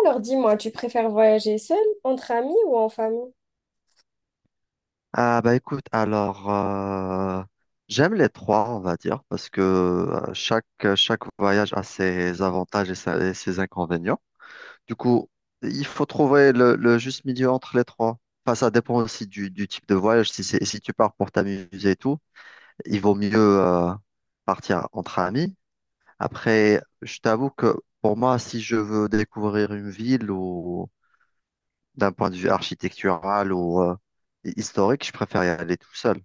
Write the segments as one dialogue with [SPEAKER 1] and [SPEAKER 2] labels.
[SPEAKER 1] Alors dis-moi, tu préfères voyager seul, entre amis ou en famille?
[SPEAKER 2] Ah bah écoute, alors j'aime les trois, on va dire, parce que chaque, chaque voyage a ses avantages et ses inconvénients. Du coup, il faut trouver le juste milieu entre les trois. Enfin, ça dépend aussi du type de voyage. Si tu pars pour t'amuser et tout, il vaut mieux euh, partir entre amis. Après, je t'avoue que pour moi, si je veux découvrir une ville ou d'un point de vue architectural ou historique, je préfère y aller tout seul.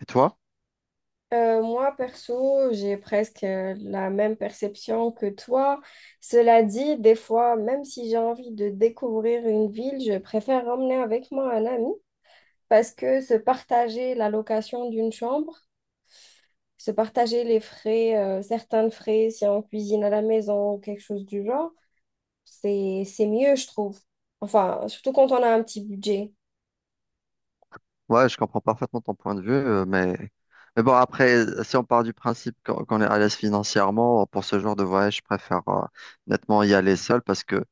[SPEAKER 2] Et toi?
[SPEAKER 1] Moi, perso, j'ai presque la même perception que toi. Cela dit, des fois, même si j'ai envie de découvrir une ville, je préfère emmener avec moi un ami parce que se partager la location d'une chambre, se partager les frais, certains frais si on cuisine à la maison ou quelque chose du genre, c'est mieux, je trouve. Enfin, surtout quand on a un petit budget.
[SPEAKER 2] Ouais, je comprends parfaitement ton point de vue, mais bon, après, si on part du principe qu'on est à l'aise financièrement, pour ce genre de voyage, je préfère nettement y aller seul parce que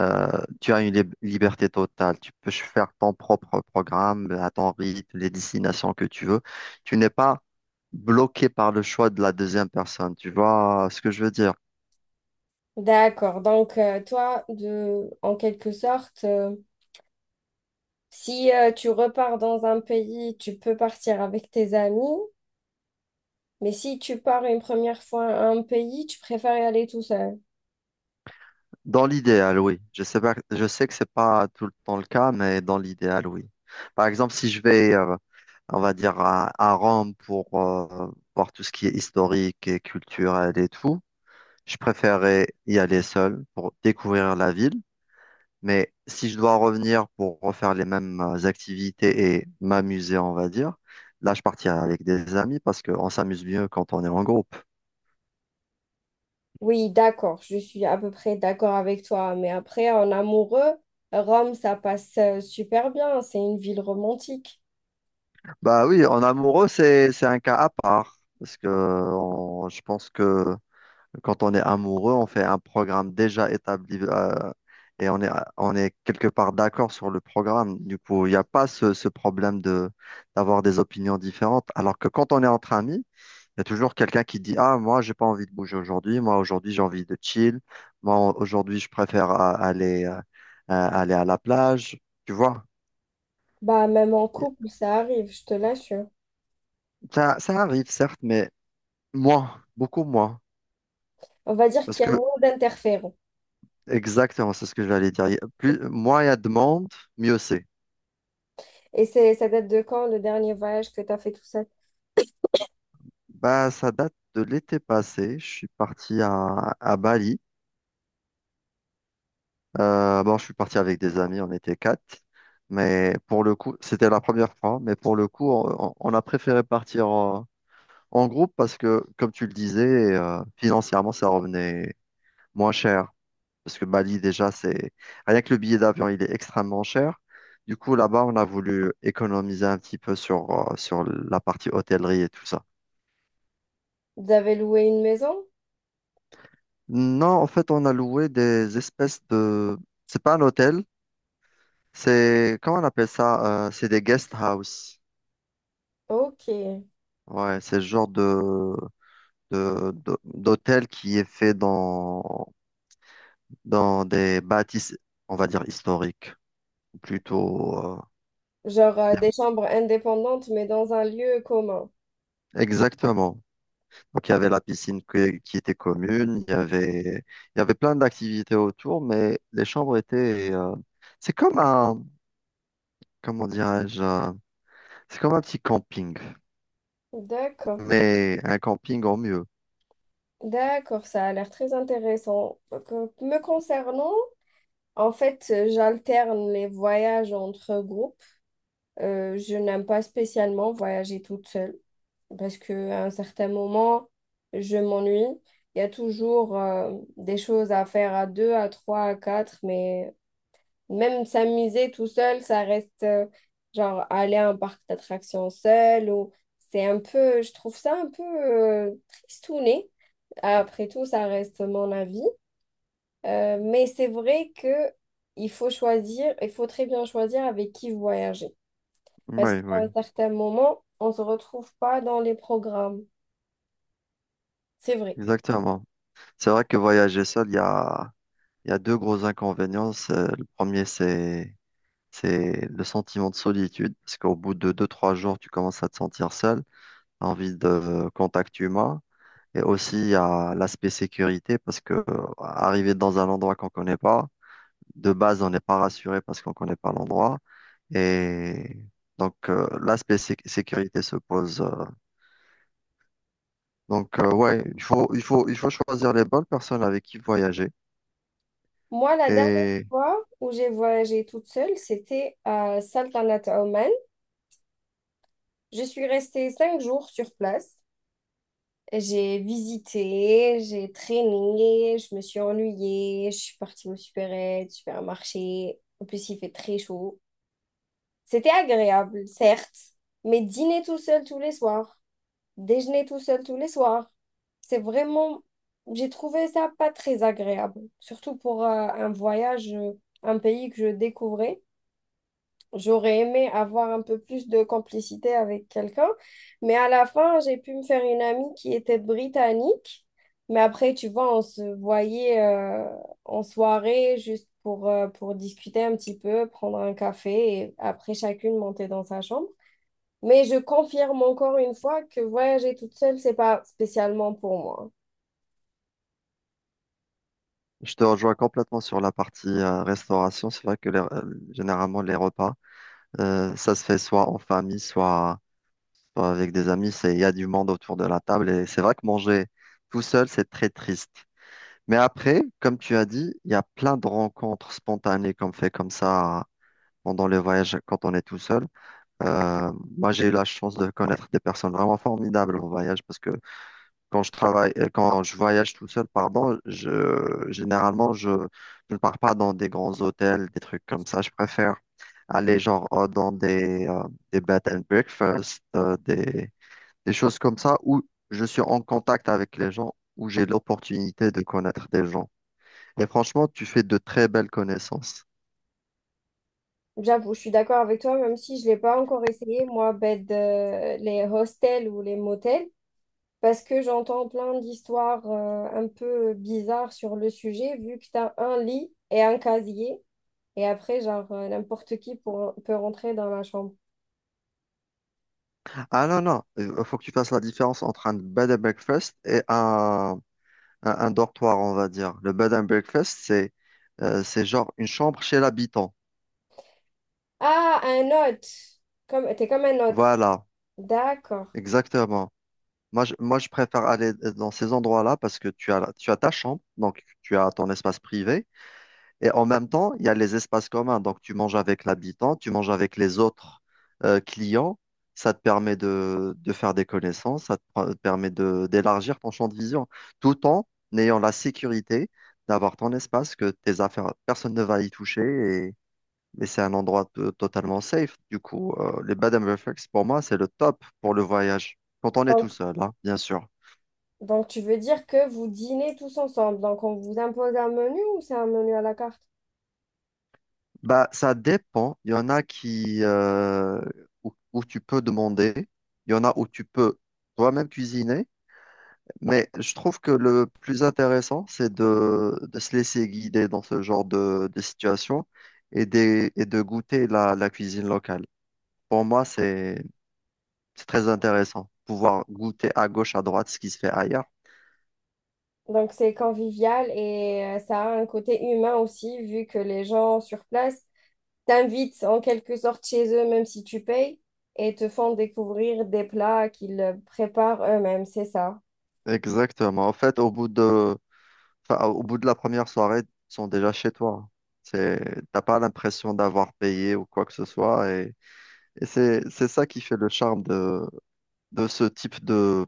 [SPEAKER 2] euh, tu as une liberté totale. Tu peux faire ton propre programme à ton rythme, les destinations que tu veux. Tu n'es pas bloqué par le choix de la deuxième personne. Tu vois ce que je veux dire?
[SPEAKER 1] D'accord. Donc, toi, en quelque sorte, si tu repars dans un pays, tu peux partir avec tes amis, mais si tu pars une première fois à un pays, tu préfères y aller tout seul.
[SPEAKER 2] Dans l'idéal, oui. Je sais pas, je sais que c'est pas tout le temps le cas, mais dans l'idéal, oui. Par exemple, si je vais, on va dire, à Rome pour voir tout ce qui est historique et culturel et tout. Je préférais y aller seul pour découvrir la ville. Mais si je dois revenir pour refaire les mêmes activités et m'amuser, on va dire, là, je partirai avec des amis parce qu'on s'amuse mieux quand on est en groupe.
[SPEAKER 1] Oui, d'accord. Je suis à peu près d'accord avec toi. Mais après, en amoureux, Rome, ça passe super bien. C'est une ville romantique.
[SPEAKER 2] Bah oui, en amoureux, c'est un cas à part. Je pense que quand on est amoureux, on fait un programme déjà établi et on est, on est quelque part d'accord sur le programme. Du coup, il n'y a pas ce problème de d'avoir des opinions différentes. Alors que quand on est entre amis, il y a toujours quelqu'un qui dit, ah, moi, j'ai pas envie de bouger aujourd'hui. Moi, aujourd'hui, j'ai envie de chill. Moi, aujourd'hui, je préfère aller, aller à la plage. Tu vois,
[SPEAKER 1] Bah, même en couple, ça arrive, je te l'assure.
[SPEAKER 2] ça arrive, certes, mais moins, beaucoup moins.
[SPEAKER 1] On va dire
[SPEAKER 2] Parce
[SPEAKER 1] qu'il y a
[SPEAKER 2] que,
[SPEAKER 1] moins d'interférences.
[SPEAKER 2] exactement, c'est ce que j'allais dire. Il y a plus, moins il y a de monde, mieux c'est.
[SPEAKER 1] Et c'est, ça date de quand, le dernier voyage que tu as fait tout seul?
[SPEAKER 2] Bah, ça date de l'été passé. Je suis parti à Bali. Bon, je suis parti avec des amis, on était quatre. Mais pour le coup, c'était la première fois. Mais pour le coup, on a préféré partir en groupe parce que, comme tu le disais, financièrement, ça revenait moins cher. Parce que Bali, déjà, c'est rien que le billet d'avion, il est extrêmement cher. Du coup, là-bas, on a voulu économiser un petit peu sur, sur la partie hôtellerie et tout ça.
[SPEAKER 1] Vous avez loué une maison?
[SPEAKER 2] Non, en fait, on a loué des espèces de... C'est pas un hôtel, c'est... Comment on appelle ça? C'est des guest house.
[SPEAKER 1] Ok.
[SPEAKER 2] Ouais, c'est le genre d'hôtel qui est fait dans, dans des bâtisses, on va dire, historiques. Ou plutôt...
[SPEAKER 1] Genre des
[SPEAKER 2] des-
[SPEAKER 1] chambres indépendantes, mais dans un lieu commun.
[SPEAKER 2] exactement. Donc, il y avait la piscine qui était commune, il y avait plein d'activités autour, mais les chambres étaient... c'est comme un... comment dirais-je? C'est comme un petit camping.
[SPEAKER 1] D'accord.
[SPEAKER 2] Mais un camping en mieux.
[SPEAKER 1] D'accord, ça a l'air très intéressant. Donc, me concernant, en fait, j'alterne les voyages entre groupes. Je n'aime pas spécialement voyager toute seule parce qu'à un certain moment, je m'ennuie. Il y a toujours des choses à faire à deux, à trois, à quatre, mais même s'amuser tout seul, ça reste genre aller à un parc d'attractions seul ou c'est un peu, je trouve ça un peu tristouné. Après tout, ça reste mon avis. Mais c'est vrai que il faut très bien choisir avec qui voyager. Parce
[SPEAKER 2] Oui,
[SPEAKER 1] qu'à un
[SPEAKER 2] oui,
[SPEAKER 1] certain moment, on ne se retrouve pas dans les programmes. C'est vrai.
[SPEAKER 2] exactement. C'est vrai que voyager seul, il y a deux gros inconvénients. Le premier, c'est le sentiment de solitude, parce qu'au bout de deux, trois jours, tu commences à te sentir seul, t'as envie de contact humain. Et aussi, il y a l'aspect sécurité, parce que arriver dans un endroit qu'on connaît pas, de base, on n'est pas rassuré parce qu'on connaît pas l'endroit. Et donc, l'aspect sécurité se pose. Donc, ouais, il faut, il faut, il faut choisir les bonnes personnes avec qui voyager.
[SPEAKER 1] Moi, la dernière
[SPEAKER 2] Et
[SPEAKER 1] fois où j'ai voyagé toute seule, c'était à Saltanat Oman. Je suis restée 5 jours sur place. J'ai visité, j'ai traîné, je me suis ennuyée, je suis partie au supermarché. En plus, il fait très chaud. C'était agréable, certes, mais dîner tout seul tous les soirs, déjeuner tout seul tous les soirs, c'est vraiment... J'ai trouvé ça pas très agréable, surtout pour un voyage, un pays que je découvrais. J'aurais aimé avoir un peu plus de complicité avec quelqu'un, mais à la fin, j'ai pu me faire une amie qui était britannique. Mais après, tu vois, on se voyait en soirée juste pour discuter un petit peu, prendre un café et après chacune monter dans sa chambre. Mais je confirme encore une fois que voyager toute seule, c'est pas spécialement pour moi.
[SPEAKER 2] je te rejoins complètement sur la partie restauration. C'est vrai que généralement, les repas, ça se fait soit en famille, soit, soit avec des amis. C'est, il y a du monde autour de la table. Et c'est vrai que manger tout seul, c'est très triste. Mais après, comme tu as dit, il y a plein de rencontres spontanées qu'on fait comme ça pendant le voyage quand on est tout seul. Euh, Moi, j'ai eu la chance de connaître des personnes vraiment formidables au voyage parce que quand je voyage tout seul, pardon, généralement, je ne pars pas dans des grands hôtels, des trucs comme ça. Je préfère aller genre dans des bed and breakfast, des choses comme ça où je suis en contact avec les gens, où j'ai l'opportunité de connaître des gens. Et franchement, tu fais de très belles connaissances.
[SPEAKER 1] J'avoue, je suis d'accord avec toi, même si je l'ai pas encore essayé, moi, les hostels ou les motels. Parce que j'entends plein d'histoires un peu bizarres sur le sujet, vu que tu as un lit et un casier, et après, genre, n'importe qui peut rentrer dans la chambre.
[SPEAKER 2] Ah non, non, il faut que tu fasses la différence entre un bed and breakfast et un dortoir, on va dire. Le bed and breakfast, c'est genre une chambre chez l'habitant.
[SPEAKER 1] Ah, un hôte! Comme, t'es comme un hôte.
[SPEAKER 2] Voilà,
[SPEAKER 1] D'accord.
[SPEAKER 2] exactement. Moi, je préfère aller dans ces endroits-là parce que tu as, tu as ta chambre, donc tu as ton espace privé, et en même temps, il y a les espaces communs. Donc, tu manges avec l'habitant, tu manges avec les autres clients. Ça te permet de faire des connaissances, ça te permet de, d'élargir ton champ de vision, tout en ayant la sécurité d'avoir ton espace, que tes affaires, personne ne va y toucher, mais c'est un endroit totalement safe. Du coup, les Bed and Breakfast, pour moi, c'est le top pour le voyage. Quand on est tout
[SPEAKER 1] Donc,
[SPEAKER 2] seul, hein, bien sûr.
[SPEAKER 1] donc, tu veux dire que vous dînez tous ensemble. Donc, on vous impose un menu ou c'est un menu à la carte?
[SPEAKER 2] Bah, ça dépend. Il y en a qui, où, où tu peux demander. Il y en a où tu peux toi-même cuisiner. Mais je trouve que le plus intéressant, c'est de se laisser guider dans ce genre de situation et et de goûter la cuisine locale. Pour moi, c'est très intéressant. Pouvoir goûter à gauche, à droite ce qui se fait ailleurs.
[SPEAKER 1] Donc, c'est convivial et ça a un côté humain aussi, vu que les gens sur place, t'invitent en quelque sorte chez eux, même si tu payes, et te font découvrir des plats qu'ils préparent eux-mêmes, c'est ça.
[SPEAKER 2] Exactement. En fait, enfin, au bout de la première soirée, ils sont déjà chez toi. C'est, t'as pas l'impression d'avoir payé ou quoi que ce soit. C'est ça qui fait le charme de ce type de,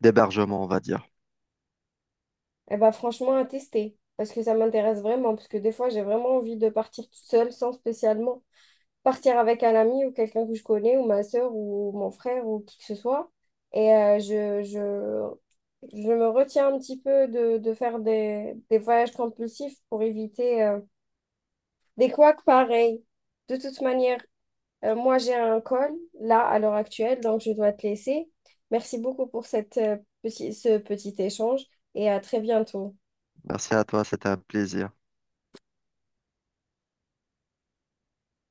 [SPEAKER 2] d'hébergement, on va dire.
[SPEAKER 1] Et bah franchement, à tester, parce que ça m'intéresse vraiment, parce que des fois, j'ai vraiment envie de partir toute seule, sans spécialement partir avec un ami ou quelqu'un que je connais, ou ma soeur, ou mon frère, ou qui que ce soit. Et je me retiens un petit peu de faire des voyages compulsifs pour éviter des couacs pareils. De toute manière, moi, j'ai un call là à l'heure actuelle, donc je dois te laisser. Merci beaucoup pour cette, ce petit échange et à très bientôt.
[SPEAKER 2] Merci à toi, c'était un plaisir.